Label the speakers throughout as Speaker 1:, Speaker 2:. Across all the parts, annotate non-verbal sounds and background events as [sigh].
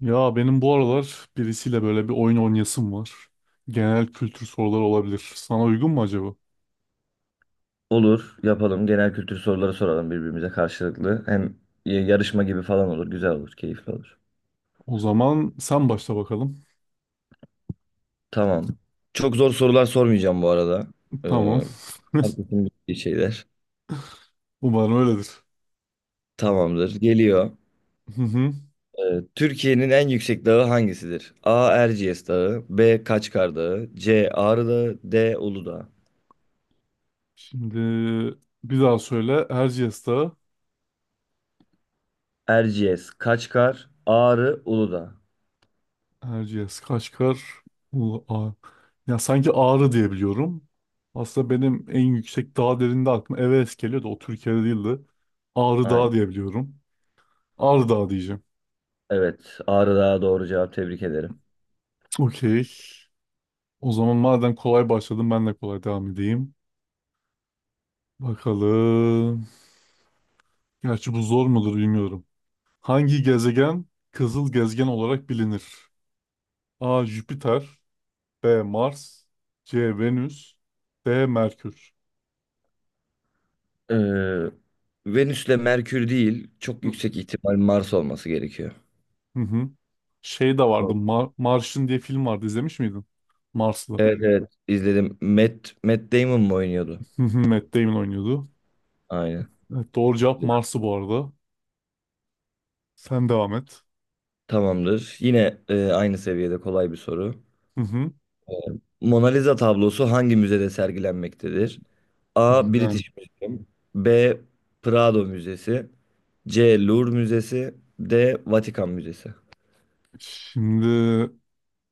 Speaker 1: Ya benim bu aralar birisiyle böyle bir oyun oynayasım var. Genel kültür soruları olabilir. Sana uygun mu acaba?
Speaker 2: Olur, yapalım. Genel kültür soruları soralım birbirimize karşılıklı. Hem yarışma gibi falan olur. Güzel olur, keyifli olur.
Speaker 1: O zaman sen başla bakalım.
Speaker 2: Tamam. Çok zor sorular sormayacağım bu arada.
Speaker 1: Tamam.
Speaker 2: Ee,
Speaker 1: [laughs]
Speaker 2: herkesin bildiği şeyler.
Speaker 1: Umarım öyledir.
Speaker 2: Tamamdır. Geliyor.
Speaker 1: Hı hı.
Speaker 2: Türkiye'nin en yüksek dağı hangisidir? A. Erciyes Dağı B. Kaçkar Dağı C. Ağrı Dağı D. Uludağ.
Speaker 1: Şimdi bir daha söyle. Erciyes Dağı.
Speaker 2: Erciyes, Kaçkar, Ağrı, Uludağ.
Speaker 1: Erciyes Kaçkar. Ulu a. Ya sanki Ağrı diye biliyorum. Aslında benim en yüksek dağ derinde aklıma Everest geliyor da o Türkiye'de değildi. Ağrı
Speaker 2: Aynen.
Speaker 1: Dağı diye biliyorum. Ağrı Dağı diyeceğim.
Speaker 2: Evet. Ağrı Dağı doğru cevap. Tebrik ederim.
Speaker 1: Okey. O zaman madem kolay başladım ben de kolay devam edeyim. Bakalım. Gerçi bu zor mudur bilmiyorum. Hangi gezegen kızıl gezegen olarak bilinir? A. Jüpiter, B. Mars, C. Venüs, D. Merkür.
Speaker 2: Ee, Venüs'le Merkür değil, çok
Speaker 1: Hı
Speaker 2: yüksek ihtimal Mars olması gerekiyor.
Speaker 1: hı. Hı. Şey de
Speaker 2: Doğru.
Speaker 1: vardı. Mars'ın diye film vardı. İzlemiş miydin? Marslı.
Speaker 2: Evet evet, izledim. Matt Damon mu oynuyordu?
Speaker 1: Hı hı, Matt Damon oynuyordu.
Speaker 2: Aynen.
Speaker 1: Evet, doğru cevap Mars'ı bu arada. Sen devam et.
Speaker 2: Tamamdır. Yine aynı seviyede kolay bir soru.
Speaker 1: Hı hı.
Speaker 2: Mona Lisa tablosu hangi müzede sergilenmektedir? A.
Speaker 1: Ha,
Speaker 2: British Museum B. Prado Müzesi C. Louvre Müzesi D. Vatikan Müzesi.
Speaker 1: şimdi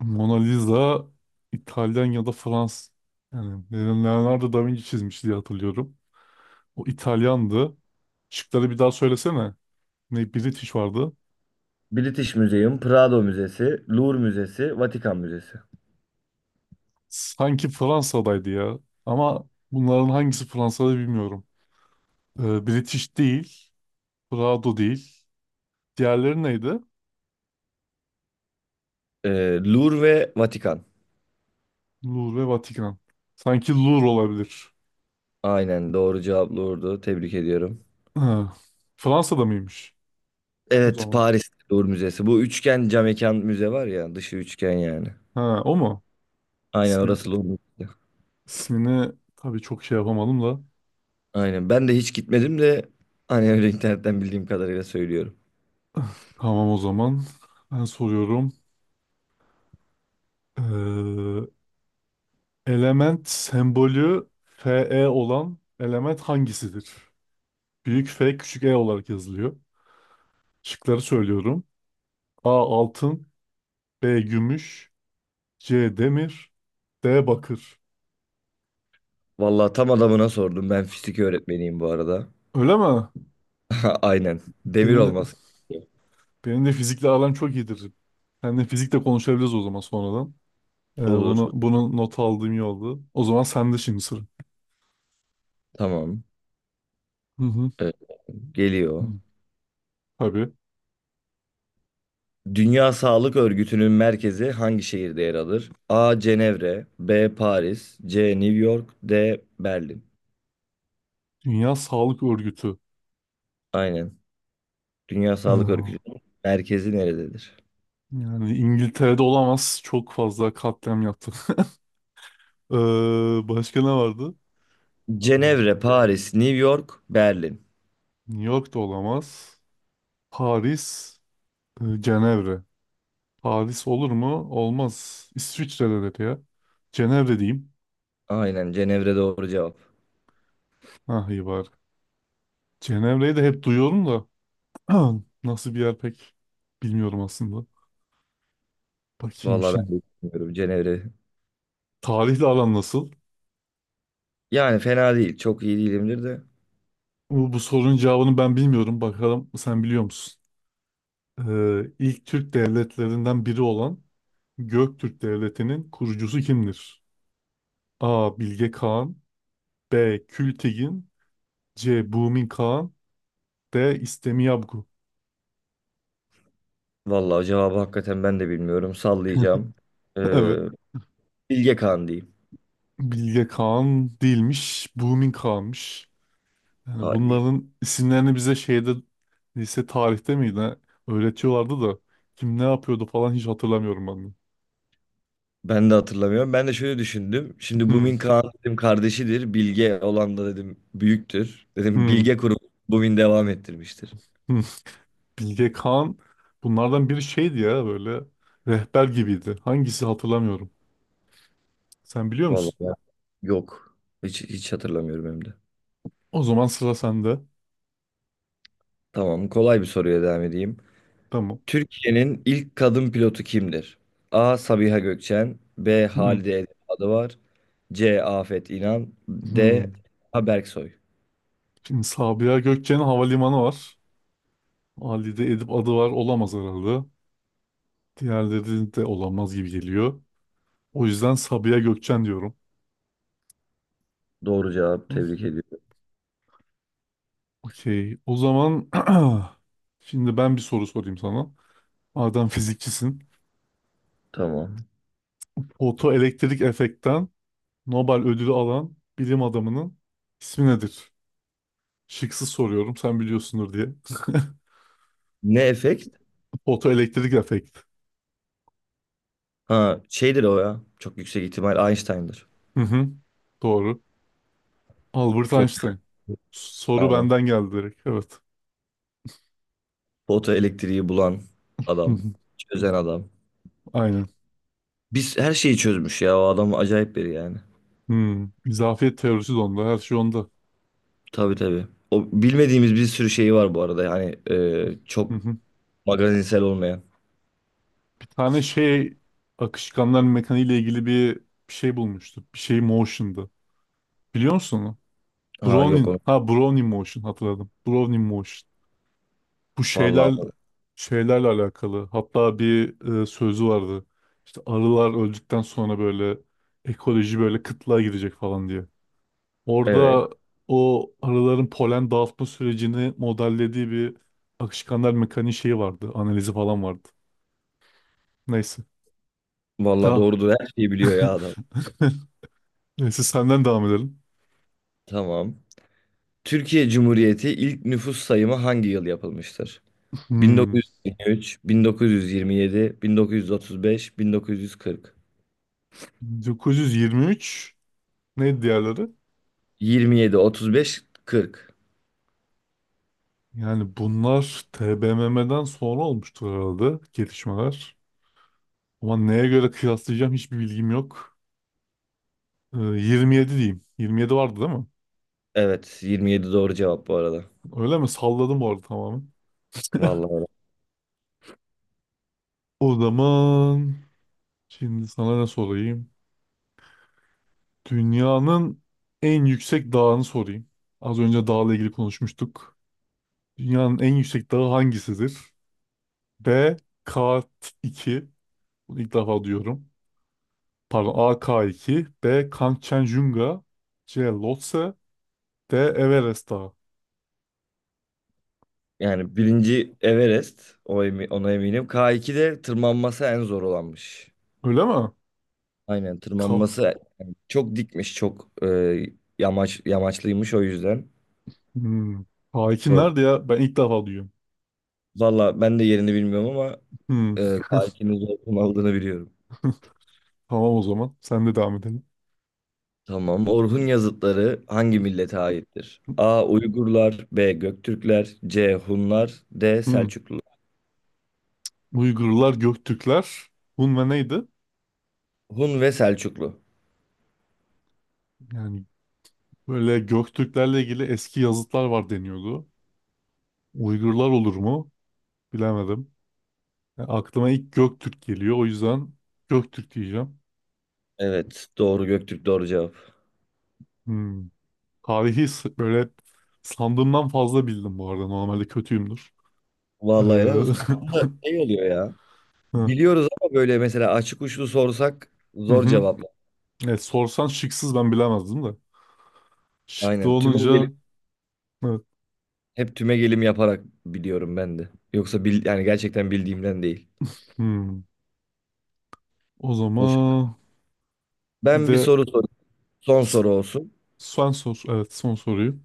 Speaker 1: Mona Lisa İtalyan ya da Fransız. Yani Leonardo da Vinci çizmiş diye hatırlıyorum. O İtalyandı. Şıkları bir daha söylesene. Ne British vardı.
Speaker 2: British Museum, Prado Müzesi, Louvre Müzesi, Vatikan Müzesi.
Speaker 1: Sanki Fransa'daydı ya. Ama bunların hangisi Fransa'da bilmiyorum. British değil. Prado değil. Diğerleri neydi?
Speaker 2: Louvre ve Vatikan.
Speaker 1: Louvre ve Vatikan. Sanki Louvre olabilir.
Speaker 2: Aynen, doğru cevap Louvre'du. Tebrik ediyorum.
Speaker 1: Ha, Fransa'da mıymış? O
Speaker 2: Evet,
Speaker 1: zaman.
Speaker 2: Paris Louvre Müzesi. Bu üçgen cam mekan müze var ya, dışı üçgen yani.
Speaker 1: Ha, o mu?
Speaker 2: Aynen,
Speaker 1: İsmin,
Speaker 2: orası Louvre Müzesi.
Speaker 1: ismini tabii çok şey yapamadım da.
Speaker 2: Aynen, ben de hiç gitmedim de hani öyle internetten bildiğim kadarıyla söylüyorum.
Speaker 1: Tamam o zaman. Ben soruyorum. Ee, element sembolü Fe olan element hangisidir? Büyük F küçük E olarak yazılıyor. Şıkları söylüyorum. A altın, B gümüş, C demir, D bakır.
Speaker 2: Vallahi tam adamına sordum. Ben fizik öğretmeniyim bu arada.
Speaker 1: Öyle mi?
Speaker 2: [laughs] Aynen. Demir
Speaker 1: Benim,
Speaker 2: olması gerekiyor.
Speaker 1: benim de fizikle aram çok iyidir. Seninle fizikle konuşabiliriz o zaman sonradan. Ee,
Speaker 2: Olur.
Speaker 1: bunu, bunu not aldığım iyi oldu. O zaman sende şimdi sıra.
Speaker 2: Tamam.
Speaker 1: Hı hı.
Speaker 2: Ee,
Speaker 1: Hı.
Speaker 2: geliyor.
Speaker 1: Tabii.
Speaker 2: Dünya Sağlık Örgütü'nün merkezi hangi şehirde yer alır? A. Cenevre B. Paris C. New York D. Berlin.
Speaker 1: Dünya Sağlık Örgütü.
Speaker 2: Aynen. Dünya Sağlık
Speaker 1: Ee,
Speaker 2: Örgütü'nün merkezi nerededir?
Speaker 1: Yani İngiltere'de olamaz. Çok fazla katliam yaptı. [laughs] Ee, başka ne vardı? Ee,
Speaker 2: Cenevre, Paris, New York, Berlin.
Speaker 1: New York'ta olamaz. Paris, Cenevre. Paris olur mu? Olmaz. İsviçre'de de ya. Cenevre diyeyim.
Speaker 2: Aynen, Cenevre doğru cevap.
Speaker 1: Ah iyi var. Cenevre'yi de hep duyuyorum da [clears throat] nasıl bir yer pek bilmiyorum aslında. Bakayım
Speaker 2: Vallahi
Speaker 1: şimdi.
Speaker 2: ben de bilmiyorum Cenevre.
Speaker 1: Tarihle aran nasıl?
Speaker 2: Yani fena değil. Çok iyi değilimdir de.
Speaker 1: Bu sorunun cevabını ben bilmiyorum. Bakalım sen biliyor musun? İlk Türk devletlerinden biri olan Göktürk Devleti'nin kurucusu kimdir? A. Bilge Kağan, B. Kültigin, C. Bumin Kağan, D. İstemiyabgu.
Speaker 2: Vallahi cevabı hakikaten ben de bilmiyorum. Sallayacağım. Ee,
Speaker 1: [laughs] Evet.
Speaker 2: Bilge Kağan diyeyim.
Speaker 1: Bilge Kağan değilmiş. Bumin Kağan'mış. Yani
Speaker 2: Hadi.
Speaker 1: bunların isimlerini bize şeyde lise tarihte miydi, ne? Öğretiyorlardı da kim ne yapıyordu falan hiç hatırlamıyorum ben de.
Speaker 2: Ben de hatırlamıyorum. Ben de şöyle düşündüm. Şimdi
Speaker 1: Hmm,
Speaker 2: Bumin Kağan dedim kardeşidir. Bilge olan da dedim büyüktür. Dedim
Speaker 1: hmm,
Speaker 2: Bilge kurup Bumin devam ettirmiştir.
Speaker 1: hmm. Bilge Kağan bunlardan biri şeydi ya, böyle rehber gibiydi. Hangisi hatırlamıyorum. Sen biliyor
Speaker 2: Vallahi
Speaker 1: musun?
Speaker 2: ben- yok. Hiç hatırlamıyorum hem de.
Speaker 1: O zaman sıra sende.
Speaker 2: Tamam, kolay bir soruya devam edeyim.
Speaker 1: Tamam.
Speaker 2: Türkiye'nin ilk kadın pilotu kimdir? A. Sabiha Gökçen B.
Speaker 1: Hmm,
Speaker 2: Halide Edip Adıvar C. Afet İnan D.
Speaker 1: hmm.
Speaker 2: Ha Berksoy.
Speaker 1: Şimdi Sabiha Gökçen'in havalimanı var. Ali'de Edip adı var olamaz herhalde. Diğerleri de olamaz gibi geliyor. O yüzden Sabiha Gökçen diyorum.
Speaker 2: Doğru cevap,
Speaker 1: Hmm.
Speaker 2: tebrik ediyorum.
Speaker 1: Okey. O zaman [clears throat] şimdi ben bir soru sorayım sana. Madem [laughs] fizikçisin.
Speaker 2: Tamam.
Speaker 1: Fotoelektrik efektten Nobel ödülü alan bilim adamının ismi nedir? Şıksız soruyorum sen biliyorsundur diye.
Speaker 2: Ne efekt?
Speaker 1: [laughs] Fotoelektrik efekt.
Speaker 2: Ha, şeydir o ya. Çok yüksek ihtimal Einstein'dır.
Speaker 1: Hı hı, doğru. Albert
Speaker 2: Foto,
Speaker 1: Einstein. Soru
Speaker 2: aynen.
Speaker 1: benden geldi direkt. Evet.
Speaker 2: Foto elektriği bulan
Speaker 1: Hı
Speaker 2: adam.
Speaker 1: hı.
Speaker 2: Çözen adam.
Speaker 1: Aynen.
Speaker 2: Biz her şeyi çözmüş ya. O adam acayip biri yani.
Speaker 1: Hmm. İzafiyet teorisi de onda. Her şey onda.
Speaker 2: Tabii tabii. O bilmediğimiz bir sürü şey var bu arada. Yani
Speaker 1: Hı
Speaker 2: çok
Speaker 1: hı.
Speaker 2: magazinsel olmayan.
Speaker 1: Bir tane şey akışkanlar mekaniği ile ilgili bir şey bulmuştu. Bir şey motion'dı. Biliyor musun onu?
Speaker 2: Ha yok
Speaker 1: Brownian.
Speaker 2: onu.
Speaker 1: Ha, Brownian motion, hatırladım. Brownian motion. Bu şeyler
Speaker 2: Vallahi
Speaker 1: şeylerle alakalı. Hatta bir sözü vardı. İşte arılar öldükten sonra böyle ekoloji böyle kıtlığa girecek falan diye.
Speaker 2: evet.
Speaker 1: Orada o arıların polen dağıtma sürecini modellediği bir akışkanlar mekaniği şeyi vardı. Analizi falan vardı. Neyse.
Speaker 2: Vallahi
Speaker 1: Daha.
Speaker 2: doğrudur. Her şeyi biliyor ya adam.
Speaker 1: [laughs] Neyse, senden devam edelim.
Speaker 2: Tamam. Türkiye Cumhuriyeti ilk nüfus sayımı hangi yıl yapılmıştır?
Speaker 1: Hmm.
Speaker 2: 1923, 1927, 1935, 1940.
Speaker 1: 1923. Neydi diğerleri?
Speaker 2: 27, 35, 40.
Speaker 1: Yani bunlar TBMM'den sonra olmuştur herhalde gelişmeler. Ama neye göre kıyaslayacağım hiçbir bilgim yok. 27 diyeyim. 27 vardı değil mi?
Speaker 2: Evet, 27 doğru cevap bu arada.
Speaker 1: Öyle mi? Salladım bu arada tamamen. [laughs]
Speaker 2: Vallahi öyle.
Speaker 1: O zaman şimdi sana ne sorayım? Dünyanın en yüksek dağını sorayım. Az önce dağla ilgili konuşmuştuk. Dünyanın en yüksek dağı hangisidir? B. K2. Bunu ilk defa duyuyorum. Pardon, A. K2, B. Kangchenjunga, C. Lhotse, D. Everest Dağı.
Speaker 2: Yani birinci Everest, ona eminim. K2'de tırmanması en zor olanmış.
Speaker 1: Öyle mi?
Speaker 2: Aynen,
Speaker 1: K.
Speaker 2: tırmanması yani çok dikmiş, çok yamaç yamaçlıymış o yüzden.
Speaker 1: Hmm. K2
Speaker 2: Zor.
Speaker 1: nerede ya? Ben ilk defa duyuyorum.
Speaker 2: Valla ben de yerini bilmiyorum ama
Speaker 1: Hmm.
Speaker 2: tarihinin zor aldığını biliyorum.
Speaker 1: Tamam o zaman. Sen de devam edelim.
Speaker 2: Tamam. Orhun yazıtları hangi millete aittir? A. Uygurlar, B. Göktürkler, C. Hunlar, D.
Speaker 1: Hmm.
Speaker 2: Selçuklu.
Speaker 1: Uygurlar, Göktürkler. Hun ve neydi?
Speaker 2: Hun ve Selçuklu.
Speaker 1: Yani böyle Göktürklerle ilgili eski yazıtlar var deniyordu. Uygurlar olur mu? Bilemedim. Yani aklıma ilk Göktürk geliyor. O yüzden Göktürk diyeceğim.
Speaker 2: Evet, doğru, Göktürk doğru cevap.
Speaker 1: Hmm. Tarihi böyle sandığımdan fazla bildim bu arada. Normalde kötüyümdür. [laughs]
Speaker 2: Vallahi helal olsun. Aslında
Speaker 1: Hı
Speaker 2: şey oluyor ya. Biliyoruz ama böyle mesela açık uçlu sorsak zor
Speaker 1: hı.
Speaker 2: cevaplar.
Speaker 1: Evet, sorsan şıksız ben bilemezdim de. Şıklı
Speaker 2: Aynen. Tümü.
Speaker 1: olunca evet.
Speaker 2: Hep tümegelim yaparak biliyorum ben de. Yoksa yani gerçekten bildiğimden değil.
Speaker 1: Hmm. O
Speaker 2: Hoş.
Speaker 1: zaman bir
Speaker 2: Ben bir
Speaker 1: de
Speaker 2: soru sorayım. Son
Speaker 1: s-
Speaker 2: soru olsun.
Speaker 1: son sor. Evet, son soruyu.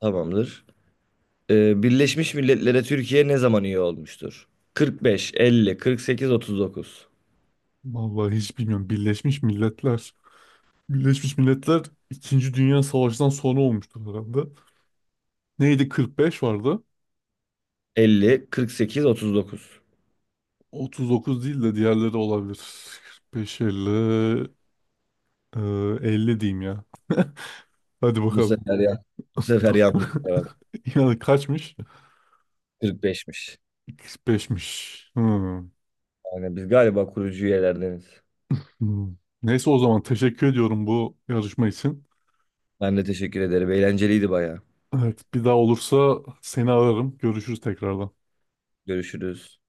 Speaker 2: Tamamdır. Birleşmiş Milletler'e Türkiye ne zaman üye olmuştur? 45, 50, 48, 39.
Speaker 1: Vallahi hiç bilmiyorum. Birleşmiş Milletler. Birleşmiş Milletler İkinci Dünya Savaşı'ndan sonra olmuştur herhalde. Neydi, 45 vardı.
Speaker 2: 50, 48, 39.
Speaker 1: 39 değil de diğerleri olabilir. 45, 50, e, 50 diyeyim ya. Hadi
Speaker 2: Bu
Speaker 1: bakalım.
Speaker 2: sefer ya. Bu
Speaker 1: [laughs]
Speaker 2: sefer yanlış cevap.
Speaker 1: Yani kaçmış?
Speaker 2: 45'miş.
Speaker 1: 45'miş. Hmm.
Speaker 2: Yani biz galiba kurucu üyelerdeniz.
Speaker 1: Hmm. Neyse, o zaman teşekkür ediyorum bu yarışma için.
Speaker 2: Ben de teşekkür ederim. Eğlenceliydi bayağı.
Speaker 1: Evet, bir daha olursa seni ararım. Görüşürüz tekrardan.
Speaker 2: Görüşürüz.